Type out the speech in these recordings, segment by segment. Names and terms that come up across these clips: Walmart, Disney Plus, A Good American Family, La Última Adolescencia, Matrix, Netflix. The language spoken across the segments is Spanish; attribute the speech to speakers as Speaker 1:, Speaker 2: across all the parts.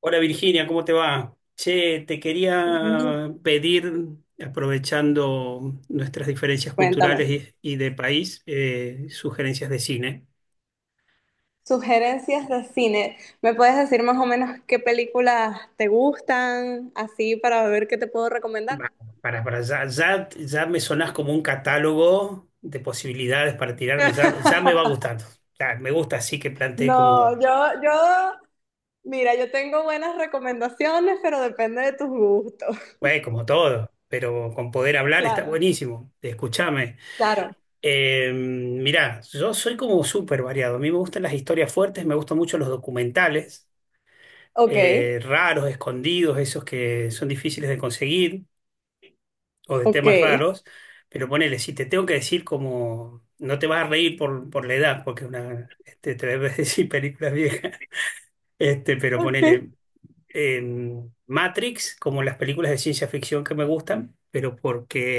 Speaker 1: Hola Virginia, ¿cómo te va? Che, te
Speaker 2: Mm.
Speaker 1: quería pedir, aprovechando nuestras diferencias
Speaker 2: Cuéntame.
Speaker 1: culturales y de país, sugerencias de cine.
Speaker 2: Sugerencias de cine. ¿Me puedes decir más o menos qué películas te gustan, así para ver qué te puedo
Speaker 1: Va,
Speaker 2: recomendar?
Speaker 1: para ya, ya, ya me sonás como un catálogo de posibilidades para tirarme, ya, ya me va gustando. Ya, me gusta así que planteé
Speaker 2: No,
Speaker 1: como,
Speaker 2: yo, yo, mira, yo tengo buenas recomendaciones, pero depende de tus gustos.
Speaker 1: bueno, como todo, pero con poder hablar está
Speaker 2: Claro,
Speaker 1: buenísimo. Escúchame.
Speaker 2: claro.
Speaker 1: Mirá, yo soy como súper variado. A mí me gustan las historias fuertes, me gustan mucho los documentales,
Speaker 2: Ok,
Speaker 1: raros, escondidos, esos que son difíciles de conseguir o de
Speaker 2: ok,
Speaker 1: temas raros, pero ponele, si te tengo que decir como, no te vas a reír por la edad, porque es una, te debes decir películas viejas, pero
Speaker 2: ok,
Speaker 1: ponele en Matrix, como las películas de ciencia ficción que me gustan, pero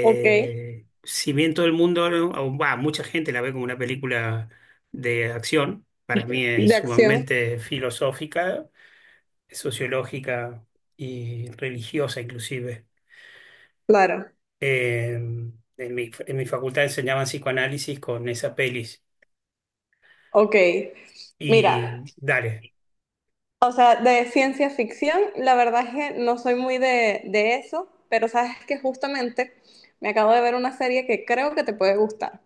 Speaker 2: ok.
Speaker 1: si bien todo el mundo, mucha gente la ve como una película de acción, para mí es
Speaker 2: De acción,
Speaker 1: sumamente filosófica, sociológica y religiosa inclusive.
Speaker 2: claro.
Speaker 1: Eh, en mi facultad enseñaban psicoanálisis con esa pelis.
Speaker 2: Ok. Mira,
Speaker 1: Y dale,
Speaker 2: O sea, de ciencia ficción, la verdad es que no soy muy de eso, pero sabes que justamente me acabo de ver una serie que creo que te puede gustar.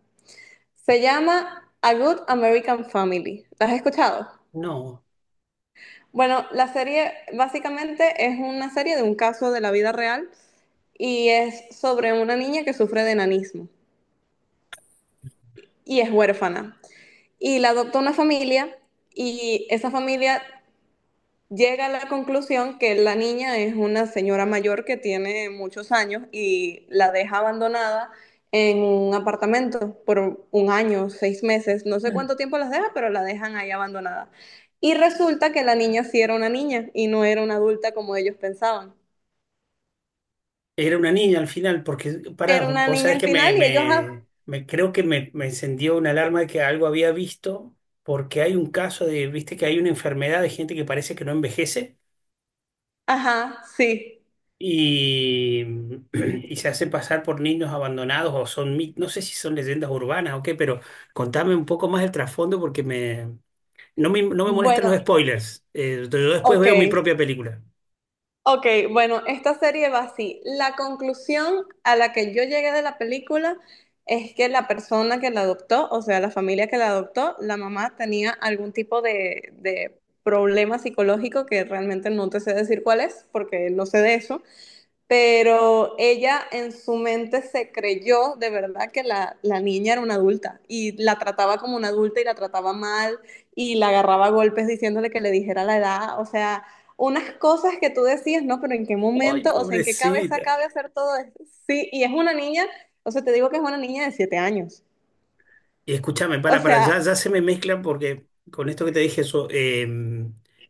Speaker 2: Se llama A Good American Family. ¿La has escuchado?
Speaker 1: no.
Speaker 2: Bueno, la serie básicamente es una serie de un caso de la vida real y es sobre una niña que sufre de enanismo y es huérfana. Y la adopta una familia y esa familia llega a la conclusión que la niña es una señora mayor que tiene muchos años y la deja abandonada en un apartamento por un año, 6 meses, no sé
Speaker 1: Ah,
Speaker 2: cuánto tiempo las deja, pero la dejan ahí abandonada. Y resulta que la niña sí era una niña y no era una adulta como ellos pensaban.
Speaker 1: era una niña al final, porque, pará,
Speaker 2: Era una
Speaker 1: vos
Speaker 2: niña
Speaker 1: sabés
Speaker 2: al
Speaker 1: que
Speaker 2: final y ellos, ah,
Speaker 1: creo que me encendió una alarma de que algo había visto, porque hay un caso de, viste que hay una enfermedad de gente que parece que no envejece.
Speaker 2: ajá, sí.
Speaker 1: Y, y se hacen pasar por niños abandonados o son, no sé si son leyendas urbanas o qué, pero contame un poco más el trasfondo porque no me molestan los
Speaker 2: Bueno,
Speaker 1: spoilers. Yo después
Speaker 2: ok.
Speaker 1: veo mi propia película.
Speaker 2: Ok, bueno, esta serie va así. La conclusión a la que yo llegué de la película es que la persona que la adoptó, o sea, la familia que la adoptó, la mamá tenía algún tipo de problema psicológico que realmente no te sé decir cuál es, porque no sé de eso, pero ella en su mente se creyó de verdad que la niña era una adulta y la trataba como una adulta y la trataba mal y la agarraba a golpes diciéndole que le dijera la edad, o sea, unas cosas que tú decías, ¿no? Pero en qué
Speaker 1: Ay,
Speaker 2: momento, o sea, en qué cabeza
Speaker 1: pobrecita.
Speaker 2: cabe hacer todo esto. Sí, y es una niña, o sea, te digo que es una niña de 7 años.
Speaker 1: Y escúchame,
Speaker 2: O
Speaker 1: para, ya,
Speaker 2: sea,
Speaker 1: ya se me mezcla porque con esto que te dije, eso,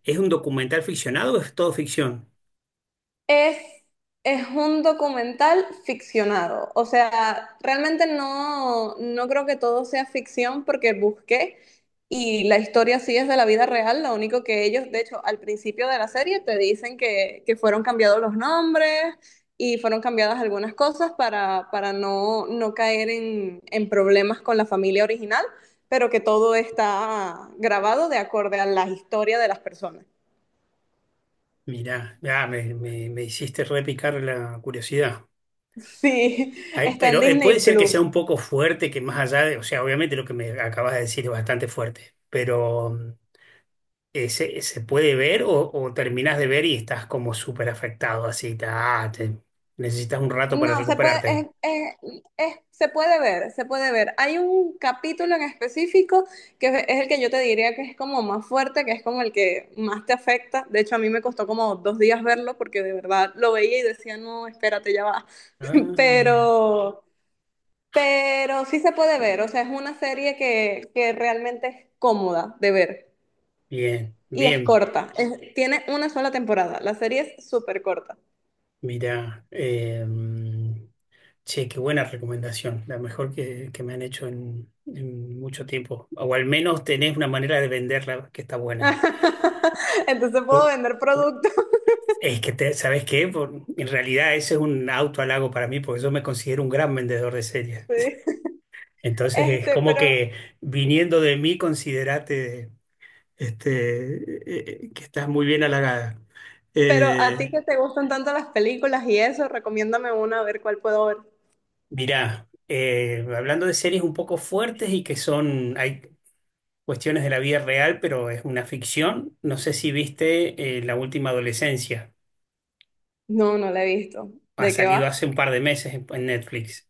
Speaker 1: ¿es un documental ficcionado o es todo ficción?
Speaker 2: Es, es un documental ficcionado. O sea, realmente no, no creo que todo sea ficción porque busqué y la historia sí es de la vida real. Lo único que ellos, de hecho, al principio de la serie te dicen que fueron cambiados los nombres y fueron cambiadas algunas cosas para no, no caer en problemas con la familia original, pero que todo está grabado de acuerdo a la historia de las personas.
Speaker 1: Mirá, ya me hiciste repicar la curiosidad.
Speaker 2: Sí,
Speaker 1: Ay,
Speaker 2: está en
Speaker 1: pero
Speaker 2: Disney
Speaker 1: puede ser que sea
Speaker 2: Plus.
Speaker 1: un poco fuerte, que más allá de, o sea, obviamente lo que me acabas de decir es bastante fuerte, pero ¿se puede ver o terminas de ver y estás como súper afectado, así, necesitas un rato para
Speaker 2: No, se puede,
Speaker 1: recuperarte?
Speaker 2: se puede ver, se puede ver. Hay un capítulo en específico que es el que yo te diría que es como más fuerte, que es como el que más te afecta. De hecho, a mí me costó como 2 días verlo porque de verdad lo veía y decía, no, espérate, ya va.
Speaker 1: Ah,
Speaker 2: Pero, pero sí se puede ver, o sea, es una serie que realmente es cómoda de ver
Speaker 1: bien,
Speaker 2: y es
Speaker 1: bien,
Speaker 2: corta. Es- tiene una sola temporada, la serie es súper corta.
Speaker 1: mira, che, qué buena recomendación, la mejor que me han hecho en mucho tiempo, o al menos tenés una manera de venderla que está buena.
Speaker 2: Entonces puedo vender productos.
Speaker 1: Es que, ¿sabes qué? En realidad ese es un auto halago para mí porque yo me considero un gran vendedor de series.
Speaker 2: Sí.
Speaker 1: Entonces es
Speaker 2: Este,
Speaker 1: como
Speaker 2: pero,
Speaker 1: que viniendo de mí, considerate, que estás muy bien halagada.
Speaker 2: pero a ti
Speaker 1: Eh,
Speaker 2: que te gustan tanto las películas y eso, recomiéndame una a ver cuál puedo ver.
Speaker 1: mirá, hablando de series un poco fuertes y que son, hay cuestiones de la vida real, pero es una ficción. No sé si viste, La Última Adolescencia.
Speaker 2: No, no la he visto.
Speaker 1: Ha
Speaker 2: ¿De qué
Speaker 1: salido
Speaker 2: va?
Speaker 1: hace un par de meses en Netflix.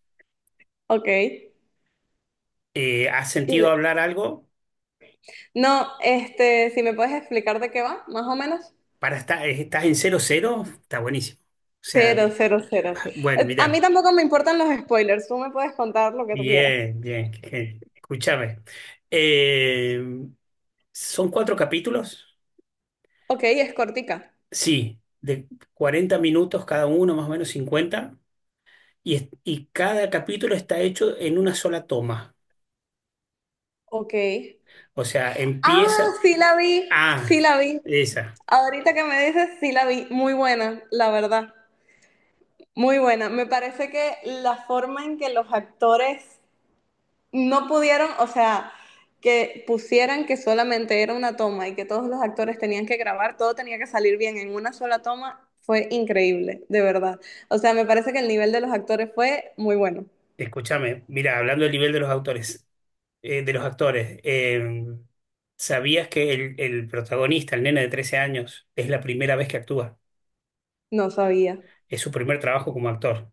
Speaker 2: Ok.
Speaker 1: ¿Has sentido
Speaker 2: De-
Speaker 1: hablar algo?
Speaker 2: No, este, si me puedes explicar de qué va, más o menos.
Speaker 1: Estás en cero cero está buenísimo. O sea,
Speaker 2: Cero, cero, cero.
Speaker 1: bueno,
Speaker 2: A mí
Speaker 1: mirá,
Speaker 2: tampoco me importan los spoilers, tú me puedes contar lo que tú quieras.
Speaker 1: bien, bien, qué genio. Escúchame. Eh, ¿Son cuatro capítulos?
Speaker 2: Ok, es cortica.
Speaker 1: Sí, de 40 minutos cada uno, más o menos 50. Y cada capítulo está hecho en una sola toma.
Speaker 2: Ok.
Speaker 1: O sea,
Speaker 2: Ah,
Speaker 1: empieza.
Speaker 2: sí la vi,
Speaker 1: Ah,
Speaker 2: sí la vi.
Speaker 1: esa.
Speaker 2: Ahorita que me dices, sí la vi. Muy buena, la verdad. Muy buena. Me parece que la forma en que los actores no pudieron, o sea, que pusieran que solamente era una toma y que todos los actores tenían que grabar, todo tenía que salir bien en una sola toma, fue increíble, de verdad. O sea, me parece que el nivel de los actores fue muy bueno.
Speaker 1: Escúchame, mira, hablando del nivel de los autores, de los actores. ¿Sabías que el protagonista, el nene de 13 años, es la primera vez que actúa?
Speaker 2: No sabía,
Speaker 1: Es su primer trabajo como actor.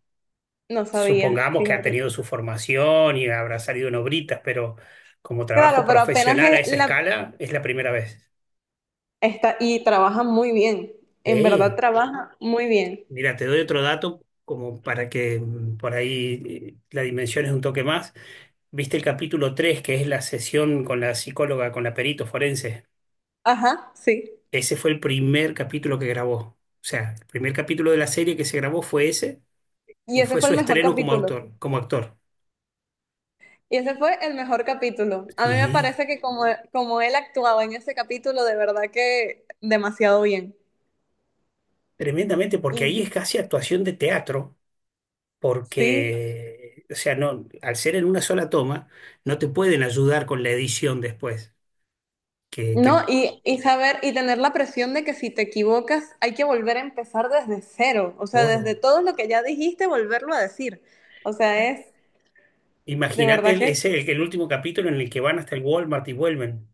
Speaker 2: no sabía,
Speaker 1: Supongamos que ha
Speaker 2: fíjate.
Speaker 1: tenido su formación y habrá salido en obritas, pero como trabajo
Speaker 2: Claro, pero apenas
Speaker 1: profesional a
Speaker 2: es
Speaker 1: esa
Speaker 2: la...
Speaker 1: escala, es la primera vez.
Speaker 2: Está, y trabaja muy bien, en verdad
Speaker 1: Eh,
Speaker 2: trabaja muy bien.
Speaker 1: Mira, te doy otro dato como para que, por ahí, la dimensión es un toque más. ¿Viste el capítulo 3 que es la sesión con la psicóloga, con la perito forense?
Speaker 2: Ajá, sí.
Speaker 1: Ese fue el primer capítulo que grabó. O sea, el primer capítulo de la serie que se grabó fue ese
Speaker 2: Y
Speaker 1: y
Speaker 2: ese
Speaker 1: fue
Speaker 2: fue
Speaker 1: su
Speaker 2: el mejor
Speaker 1: estreno como
Speaker 2: capítulo.
Speaker 1: autor, como actor.
Speaker 2: Y ese fue el mejor capítulo. A mí me
Speaker 1: Sí,
Speaker 2: parece que como, como él actuaba en ese capítulo, de verdad que demasiado bien.
Speaker 1: tremendamente, porque
Speaker 2: Y-
Speaker 1: ahí es casi actuación de teatro,
Speaker 2: Sí.
Speaker 1: porque, o sea, no, al ser en una sola toma, no te pueden ayudar con la edición después, que,
Speaker 2: No,
Speaker 1: que
Speaker 2: y saber y tener la presión de que si te equivocas hay que volver a empezar desde cero, o sea, desde
Speaker 1: todo.
Speaker 2: todo lo que ya dijiste, volverlo a decir. O sea,
Speaker 1: Claro.
Speaker 2: es de
Speaker 1: Imagínate,
Speaker 2: verdad
Speaker 1: el-
Speaker 2: que,
Speaker 1: ese, el, el último capítulo en el que van hasta el Walmart y vuelven.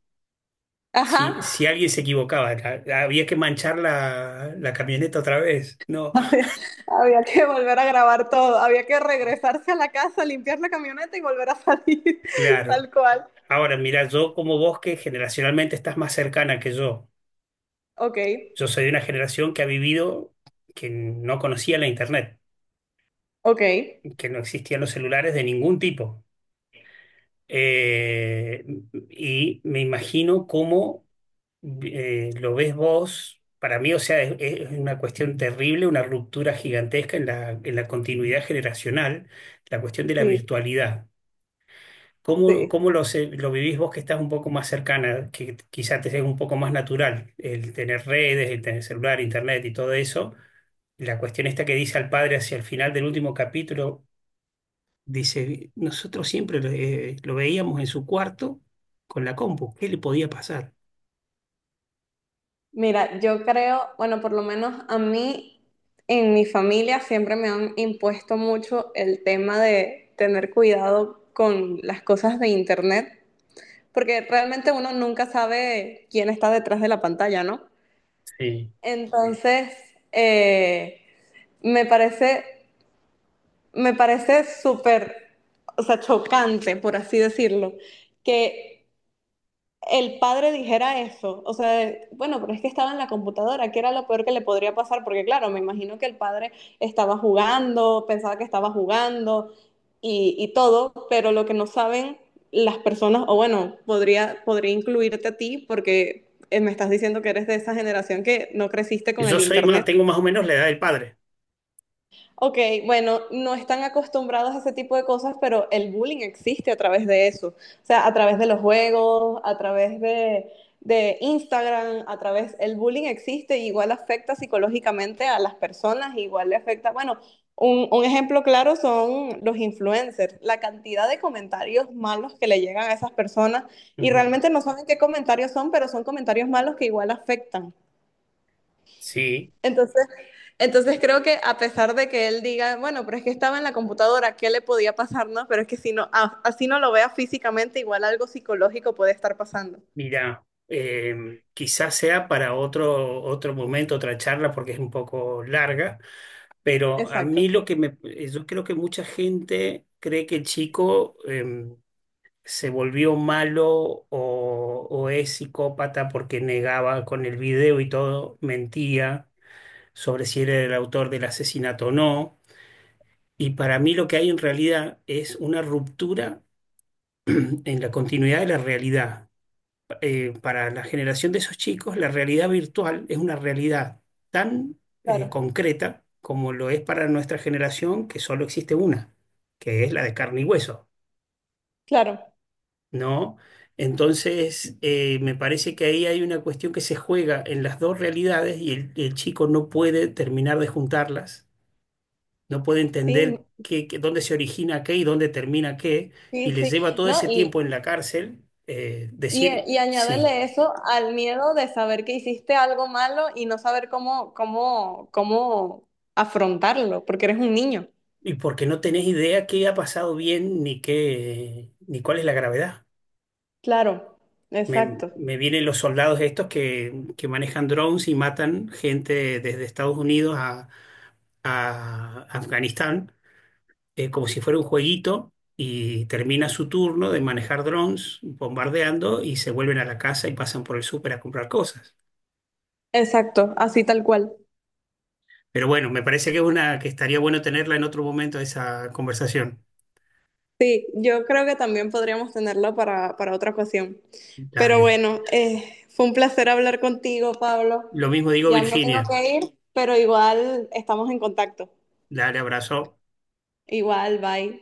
Speaker 2: ajá,
Speaker 1: Si alguien se equivocaba, había que manchar la camioneta otra vez. No,
Speaker 2: había, había que volver a grabar todo, había que regresarse a la casa, limpiar la camioneta y volver a salir,
Speaker 1: claro.
Speaker 2: tal cual.
Speaker 1: Ahora, mira, yo como vos que generacionalmente estás más cercana que yo,
Speaker 2: Ok,
Speaker 1: yo soy de una generación que ha vivido, que no conocía la internet,
Speaker 2: ok.
Speaker 1: que no existían los celulares de ningún tipo. Eh, y me imagino cómo, lo ves vos. Para mí, o sea, es una cuestión terrible, una ruptura gigantesca en la continuidad generacional, la cuestión de la
Speaker 2: sí,
Speaker 1: virtualidad. ¿Cómo,
Speaker 2: sí.
Speaker 1: cómo lo vivís vos que estás un poco más cercana, que quizá te sea un poco más natural el tener redes, el tener celular, internet y todo eso? La cuestión esta que dice al padre hacia el final del último capítulo, dice, nosotros siempre lo veíamos en su cuarto con la compu, ¿qué le podía pasar?
Speaker 2: Mira, yo creo, bueno, por lo menos a mí, en mi familia siempre me han impuesto mucho el tema de tener cuidado con las cosas de internet, porque realmente uno nunca sabe quién está detrás de la pantalla, ¿no?
Speaker 1: Sí.
Speaker 2: Entonces, eh, me parece, me parece súper, o sea, chocante, por así decirlo, que el padre dijera eso, o sea, de, bueno, pero es que estaba en la computadora, que era lo peor que le podría pasar, porque claro, me imagino que el padre estaba jugando, pensaba que estaba jugando y todo, pero lo que no saben las personas, o bueno, podría incluirte a ti, porque me estás diciendo que eres de esa generación que no creciste con el
Speaker 1: Yo soy más,
Speaker 2: internet.
Speaker 1: tengo más o menos la edad del padre.
Speaker 2: Ok, bueno, no están acostumbrados a ese tipo de cosas, pero el bullying existe a través de eso. O sea, a través de los juegos, a través de Instagram, a través, el bullying existe, y igual afecta psicológicamente a las personas, igual le afecta, bueno, un ejemplo claro son los influencers, la cantidad de comentarios malos que le llegan a esas personas y
Speaker 1: Ujú.
Speaker 2: realmente no saben qué comentarios son, pero son comentarios malos que igual afectan.
Speaker 1: Sí,
Speaker 2: Entonces, entonces creo que a pesar de que él diga, bueno, pero es que estaba en la computadora, ¿qué le podía pasar? No, pero es que si no, así no lo vea físicamente, igual algo psicológico puede estar pasando.
Speaker 1: mira, quizás sea para otro momento, otra charla, porque es un poco larga. Pero a mí
Speaker 2: Exacto,
Speaker 1: lo que me, yo creo que mucha gente cree que el chico, se volvió malo o es psicópata porque negaba con el video y todo, mentía sobre si era el autor del asesinato o no. Y para mí lo que hay en realidad es una ruptura en la continuidad de la realidad. Para la generación de esos chicos, la realidad virtual es una realidad tan,
Speaker 2: claro,
Speaker 1: concreta como lo es para nuestra generación, que solo existe una, que es la de carne y hueso,
Speaker 2: claro.
Speaker 1: ¿no? Entonces, me parece que ahí hay una cuestión que se juega en las dos realidades y el chico no puede terminar de juntarlas, no puede
Speaker 2: Sí,
Speaker 1: entender qué, dónde se origina qué y dónde termina qué, y
Speaker 2: sí,
Speaker 1: le
Speaker 2: sí.
Speaker 1: lleva todo ese
Speaker 2: No, y,
Speaker 1: tiempo en la cárcel,
Speaker 2: y,
Speaker 1: decir
Speaker 2: y
Speaker 1: sí.
Speaker 2: añádele eso al miedo de saber que hiciste algo malo y no saber cómo, cómo afrontarlo, porque eres un niño.
Speaker 1: Y porque no tenés idea qué ha pasado bien ni qué, ni cuál es la gravedad.
Speaker 2: Claro,
Speaker 1: Me,
Speaker 2: exacto,
Speaker 1: me vienen los soldados estos que manejan drones y matan gente desde Estados Unidos a Afganistán, como si fuera un jueguito, y termina su turno de manejar drones bombardeando y se vuelven a la casa y pasan por el súper a comprar cosas.
Speaker 2: exacto, así tal cual.
Speaker 1: Pero bueno, me parece que es una que estaría bueno tenerla en otro momento esa conversación.
Speaker 2: Sí, yo creo que también podríamos tenerla para otra ocasión. Pero
Speaker 1: Dale.
Speaker 2: bueno, fue un placer hablar contigo, Pablo.
Speaker 1: Lo mismo digo,
Speaker 2: Ya me tengo
Speaker 1: Virginia.
Speaker 2: que ir, pero igual estamos en contacto.
Speaker 1: Dale, abrazo.
Speaker 2: Igual, bye.